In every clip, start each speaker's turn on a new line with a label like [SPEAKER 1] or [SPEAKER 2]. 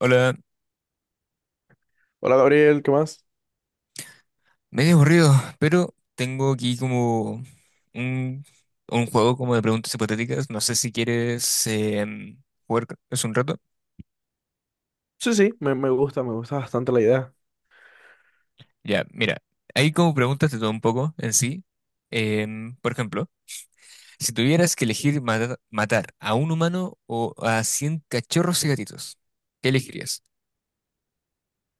[SPEAKER 1] Hola,
[SPEAKER 2] Hola Gabriel, ¿qué más?
[SPEAKER 1] medio aburrido, pero tengo aquí como un, un juego como de preguntas hipotéticas. No sé si quieres jugar es un rato.
[SPEAKER 2] Sí, sí, me gusta, me gusta bastante la idea.
[SPEAKER 1] Ya, mira, hay como preguntas de todo un poco en sí. Por ejemplo, si tuvieras que elegir matar a un humano o a 100 cachorros y gatitos, ¿qué elegirías?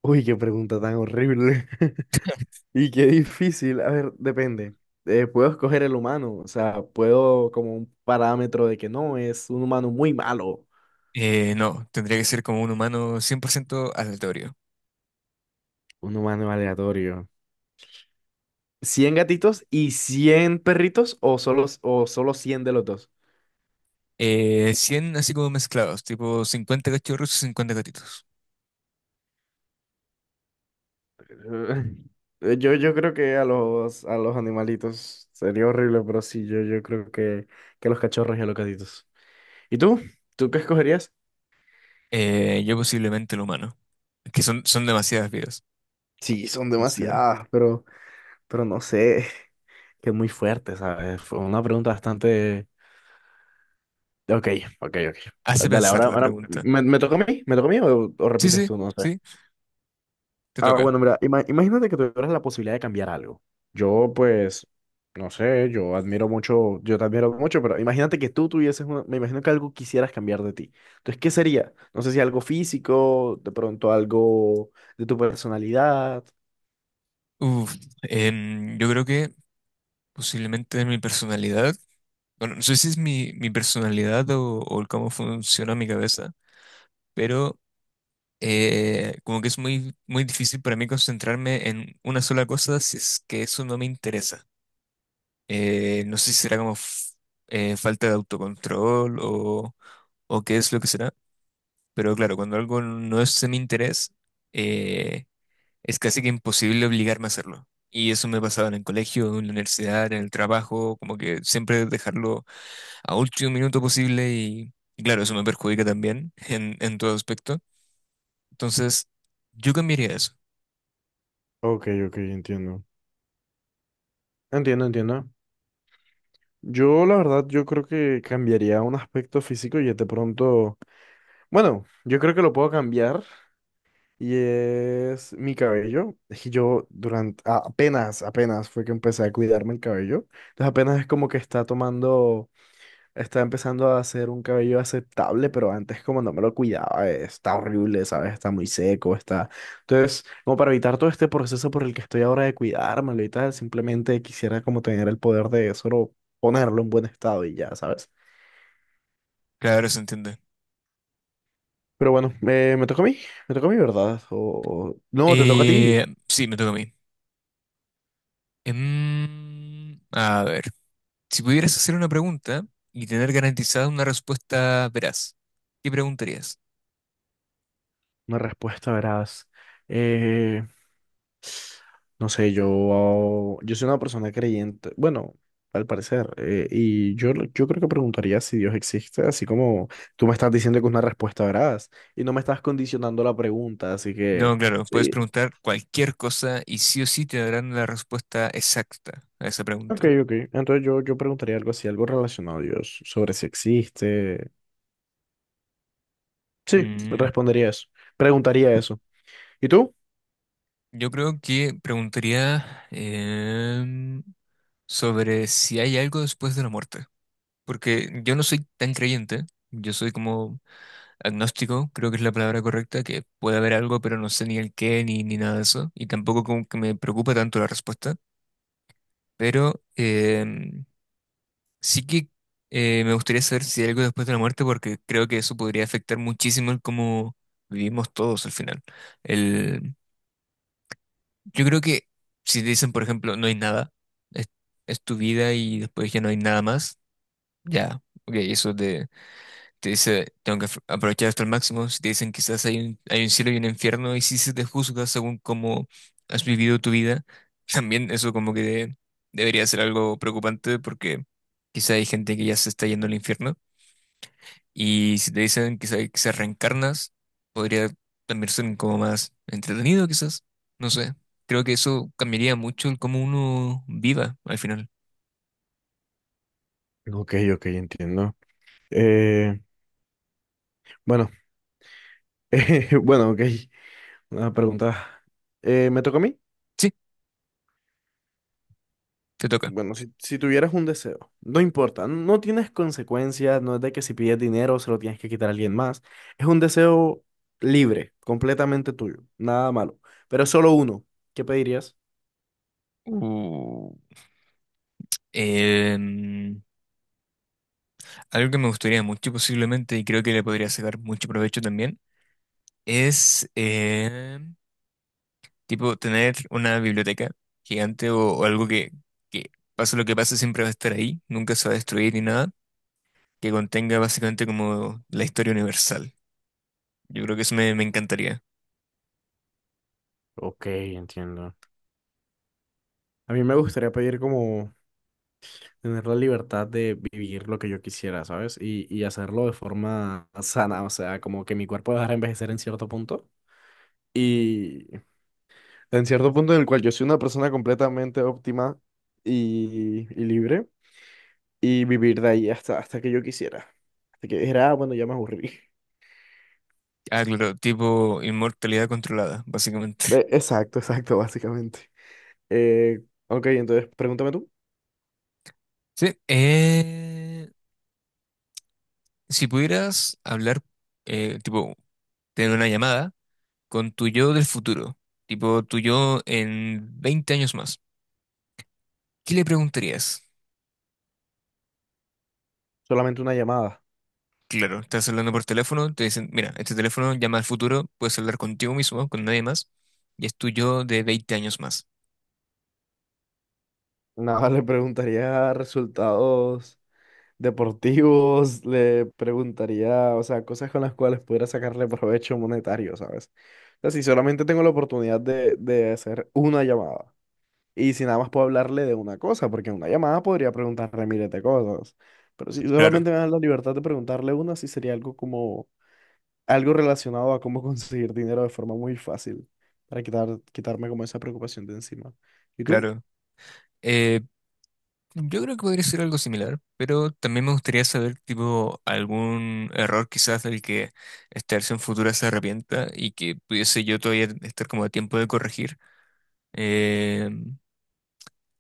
[SPEAKER 2] Uy, qué pregunta tan horrible. Y qué difícil. A ver, depende. Puedo escoger el humano, o sea, puedo como un parámetro de que no, es un humano muy malo.
[SPEAKER 1] No, tendría que ser como un humano 100% aleatorio.
[SPEAKER 2] Un humano aleatorio. ¿100 gatitos y 100 perritos o solo, 100 de los dos?
[SPEAKER 1] 100 así como mezclados, tipo 50 cachorros y 50 gatitos.
[SPEAKER 2] Yo creo que a los, animalitos sería horrible, pero sí, yo creo que a los cachorros y a los gatitos. ¿Y tú? ¿Tú qué escogerías?
[SPEAKER 1] Yo posiblemente el humano. Es que son demasiadas vidas.
[SPEAKER 2] Sí, son
[SPEAKER 1] Entonces,
[SPEAKER 2] demasiadas, pero, no sé, que es muy fuerte, ¿sabes? Fue una pregunta bastante. Ok, ok, ok.
[SPEAKER 1] hace
[SPEAKER 2] Dale,
[SPEAKER 1] pensar
[SPEAKER 2] ahora,
[SPEAKER 1] la
[SPEAKER 2] ahora
[SPEAKER 1] pregunta.
[SPEAKER 2] ¿me toca a mí? ¿Me toca a mí o
[SPEAKER 1] Sí,
[SPEAKER 2] repites
[SPEAKER 1] sí,
[SPEAKER 2] tú? No sé.
[SPEAKER 1] sí, te
[SPEAKER 2] Ah,
[SPEAKER 1] toca.
[SPEAKER 2] bueno, mira, imagínate que tuvieras la posibilidad de cambiar algo. Yo, pues, no sé, yo te admiro mucho, pero imagínate que me imagino que algo quisieras cambiar de ti. Entonces, ¿qué sería? No sé si algo físico, de pronto algo de tu personalidad.
[SPEAKER 1] Uf, yo creo que posiblemente mi personalidad, bueno, no sé si es mi personalidad o el cómo funciona mi cabeza, pero como que es muy, muy difícil para mí concentrarme en una sola cosa si es que eso no me interesa. No sé si será como falta de autocontrol o qué es lo que será. Pero claro, cuando algo no es de mi interés, eh, es casi que imposible obligarme a hacerlo. Y eso me pasaba en el colegio, en la universidad, en el trabajo, como que siempre dejarlo a último minuto posible y claro, eso me perjudica también en todo aspecto. Entonces, yo cambiaría eso.
[SPEAKER 2] Ok, ok, entiendo. Entiendo, entiendo. Yo, la verdad, yo creo que cambiaría un aspecto físico y de pronto, bueno, yo creo que lo puedo cambiar. Y es mi cabello. Es que yo durante, apenas fue que empecé a cuidarme el cabello. Entonces apenas es como que está empezando a hacer un cabello aceptable, pero antes como no me lo cuidaba, está horrible, ¿sabes? Está muy seco, está. Entonces, como para evitar todo este proceso por el que estoy ahora de cuidármelo y tal, simplemente quisiera como tener el poder de solo ponerlo en buen estado y ya, ¿sabes?
[SPEAKER 1] Claro, ahora se entiende.
[SPEAKER 2] Pero bueno, me toca a mí, ¿verdad? No, te toca a ti.
[SPEAKER 1] Sí, me toca a mí. A ver, si pudieras hacer una pregunta y tener garantizada una respuesta veraz, ¿qué preguntarías?
[SPEAKER 2] Una respuesta, verás. Eh, no sé, yo soy una persona creyente, bueno, al parecer, y yo creo que preguntaría si Dios existe, así como tú me estás diciendo que es una respuesta, veraz y no me estás condicionando la pregunta, así
[SPEAKER 1] No,
[SPEAKER 2] que...
[SPEAKER 1] claro, puedes
[SPEAKER 2] Sí.
[SPEAKER 1] preguntar cualquier cosa y sí o sí te darán la respuesta exacta a esa
[SPEAKER 2] Ok,
[SPEAKER 1] pregunta.
[SPEAKER 2] ok. Entonces yo preguntaría algo así, algo relacionado a Dios, sobre si existe. Sí,
[SPEAKER 1] Mm,
[SPEAKER 2] respondería eso. Preguntaría eso. ¿Y tú?
[SPEAKER 1] Yo creo que preguntaría sobre si hay algo después de la muerte, porque yo no soy tan creyente, yo soy como agnóstico, creo que es la palabra correcta, que puede haber algo, pero no sé ni el qué ni nada de eso, y tampoco como que me preocupa tanto la respuesta, pero sí que me gustaría saber si hay algo después de la muerte, porque creo que eso podría afectar muchísimo el cómo vivimos todos al final. El, yo creo que si te dicen, por ejemplo, no hay nada, es, es tu vida y después ya no hay nada más, ya, ok, eso te dice, tengo que aprovechar hasta el máximo. Si te dicen quizás hay un cielo y un infierno, y si se te juzga según cómo has vivido tu vida, también eso como que debería ser algo preocupante porque... Quizá hay gente que ya se está yendo al infierno. Y si te dicen que se reencarnas, podría también ser como más entretenido, quizás. No sé. Creo que eso cambiaría mucho el cómo uno viva al final.
[SPEAKER 2] Ok, ok, entiendo. Eh, bueno, bueno, ok. Una pregunta. ¿Me toca a mí?
[SPEAKER 1] Sí, te toca.
[SPEAKER 2] Bueno, si tuvieras un deseo, no importa, no tienes consecuencias, no es de que si pides dinero se lo tienes que quitar a alguien más. Es un deseo libre, completamente tuyo, nada malo, pero solo uno. ¿Qué pedirías?
[SPEAKER 1] Uh, em, Algo que me gustaría mucho posiblemente y creo que le podría sacar mucho provecho también es tipo tener una biblioteca gigante o algo que pase lo que pase siempre va a estar ahí, nunca se va a destruir ni nada, que contenga básicamente como la historia universal. Yo creo que eso me encantaría.
[SPEAKER 2] Ok, entiendo. A mí me gustaría pedir como tener la libertad de vivir lo que yo quisiera, ¿sabes? Y hacerlo de forma sana, o sea, como que mi cuerpo dejara envejecer en cierto punto. Y en cierto punto en el cual yo soy una persona completamente óptima y, libre y vivir de ahí hasta que yo quisiera. Hasta que dijera, "Ah, bueno, ya me aburrí."
[SPEAKER 1] Ah, claro, tipo inmortalidad controlada, básicamente.
[SPEAKER 2] Exacto, exacto, básicamente. Eh, ok, entonces pregúntame tú.
[SPEAKER 1] Sí. Si pudieras hablar, tipo, tener una llamada con tu yo del futuro, tipo tu yo en 20 años más, ¿qué le preguntarías?
[SPEAKER 2] Solamente una llamada.
[SPEAKER 1] Claro, estás hablando por teléfono, te dicen, mira, este teléfono llama al futuro, puedes hablar contigo mismo, con nadie más, y es tu yo de 20 años más.
[SPEAKER 2] Nada, le preguntaría resultados deportivos, le preguntaría, o sea, cosas con las cuales pudiera sacarle provecho monetario, ¿sabes? O sea, si solamente tengo la oportunidad de hacer una llamada. Y si nada más puedo hablarle de una cosa, porque en una llamada podría preguntarle miles de cosas. Pero si
[SPEAKER 1] Claro,
[SPEAKER 2] solamente me dan la libertad de preguntarle una, sí sería algo como, algo relacionado a cómo conseguir dinero de forma muy fácil, para quitarme como esa preocupación de encima. ¿Y tú?
[SPEAKER 1] claro. Eh, Yo creo que podría ser algo similar, pero también me gustaría saber, tipo, algún error quizás del que esta versión futura se arrepienta y que pudiese yo todavía estar como a tiempo de corregir, eh,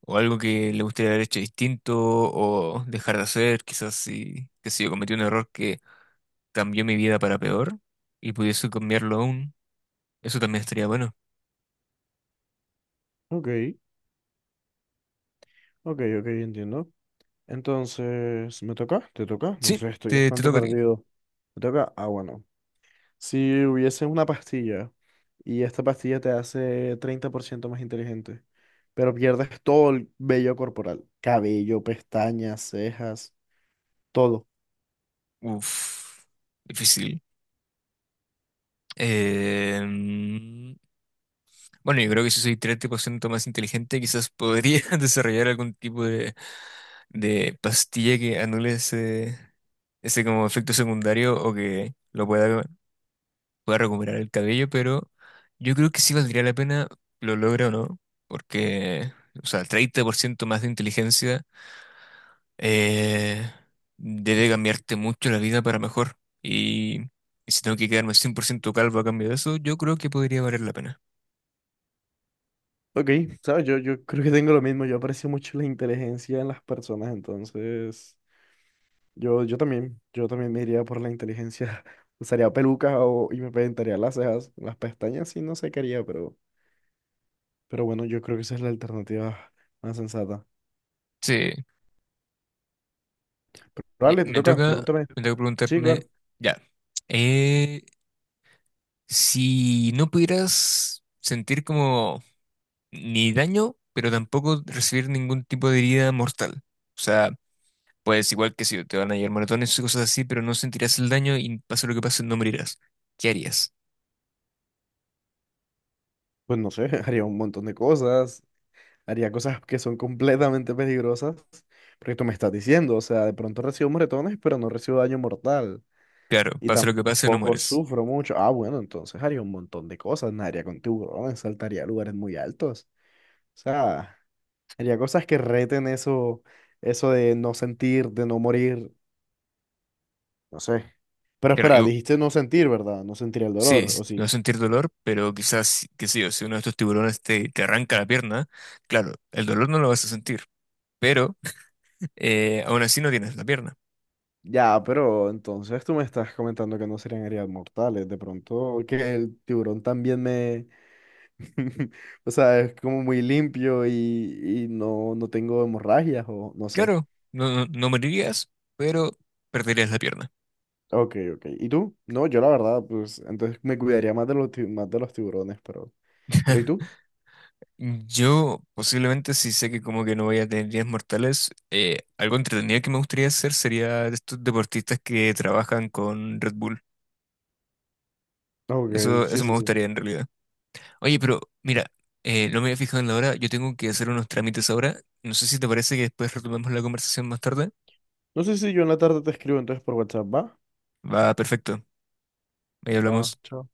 [SPEAKER 1] o algo que le gustaría haber hecho distinto o dejar de hacer, quizás si, que si yo cometí un error que cambió mi vida para peor y pudiese cambiarlo aún, eso también estaría bueno.
[SPEAKER 2] Ok, ok, ok, entiendo. Entonces, ¿me toca? ¿Te toca? No
[SPEAKER 1] Sí,
[SPEAKER 2] sé, estoy
[SPEAKER 1] te
[SPEAKER 2] bastante
[SPEAKER 1] toca a ti.
[SPEAKER 2] perdido. ¿Me toca? Ah, bueno. Si hubiese una pastilla y esta pastilla te hace 30% más inteligente, pero pierdes todo el vello corporal, cabello, pestañas, cejas, todo.
[SPEAKER 1] Uf, difícil. Eh, Bueno, yo creo que si soy 30% más inteligente, quizás podría desarrollar algún tipo de pastilla que anule ese como efecto secundario o que lo pueda recuperar el cabello, pero yo creo que sí valdría la pena, lo logra o no, porque, o sea, 30% más de inteligencia eh, debe cambiarte mucho la vida para mejor. Y, y si tengo que quedarme 100% calvo a cambio de eso, yo creo que podría valer la pena.
[SPEAKER 2] Ok, ¿sabes? Yo creo que tengo lo mismo. Yo aprecio mucho la inteligencia en las personas, entonces yo también me iría por la inteligencia. Y me pintaría las cejas. Las pestañas sí no sé qué haría, pero, bueno, yo creo que esa es la alternativa más sensata.
[SPEAKER 1] Sí.
[SPEAKER 2] Pero,
[SPEAKER 1] Ya,
[SPEAKER 2] vale, te
[SPEAKER 1] me
[SPEAKER 2] toca,
[SPEAKER 1] toca,
[SPEAKER 2] pregúntame.
[SPEAKER 1] me toca
[SPEAKER 2] Sí,
[SPEAKER 1] preguntarme,
[SPEAKER 2] claro.
[SPEAKER 1] ya, eh, si no pudieras sentir como ni daño, pero tampoco recibir ningún tipo de herida mortal. O sea, pues igual que si te van a llegar moratones y cosas así, pero no sentirás el daño y pase lo que pase, no morirás. ¿Qué harías?
[SPEAKER 2] Pues no sé, haría un montón de cosas, haría cosas que son completamente peligrosas, porque tú me estás diciendo, o sea, de pronto recibo moretones, pero no recibo daño mortal
[SPEAKER 1] Claro,
[SPEAKER 2] y
[SPEAKER 1] pase lo que pase, no
[SPEAKER 2] tampoco
[SPEAKER 1] mueres.
[SPEAKER 2] sufro mucho. Ah, bueno, entonces haría un montón de cosas, nadaría con tiburones, saltaría a lugares muy altos, o sea, haría cosas que reten eso, eso de no sentir, de no morir, no sé. Pero
[SPEAKER 1] Claro,
[SPEAKER 2] espera, dijiste no sentir, ¿verdad? No sentir el
[SPEAKER 1] sí,
[SPEAKER 2] dolor, ¿o
[SPEAKER 1] no
[SPEAKER 2] sí?
[SPEAKER 1] vas a sentir dolor, pero quizás, qué sé yo, si uno de estos tiburones te arranca la pierna, claro, el dolor no lo vas a sentir, pero aún así no tienes la pierna.
[SPEAKER 2] Ya, pero entonces tú me estás comentando que no serían heridas mortales. De pronto que el tiburón también me. O sea, es como muy limpio y no, no tengo hemorragias o no sé.
[SPEAKER 1] Claro, no, no, no morirías, pero perderías la pierna.
[SPEAKER 2] Ok, ok. ¿Y tú? No, yo la verdad, pues entonces me cuidaría más de los tiburones, pero... ¿Pero y tú?
[SPEAKER 1] Yo posiblemente si sé que como que no voy a tener días mortales, algo entretenido que me gustaría hacer sería de estos deportistas que trabajan con Red Bull.
[SPEAKER 2] Ok,
[SPEAKER 1] Eso,
[SPEAKER 2] sí,
[SPEAKER 1] eso me
[SPEAKER 2] sí, sí.
[SPEAKER 1] gustaría en realidad. Oye, pero mira, no me había fijado en la hora, yo tengo que hacer unos trámites ahora. No sé si te parece que después retomemos la conversación más tarde.
[SPEAKER 2] No sé si yo en la tarde te escribo entonces por WhatsApp, ¿va?
[SPEAKER 1] Va, perfecto. Ahí
[SPEAKER 2] Va,
[SPEAKER 1] hablamos.
[SPEAKER 2] chao.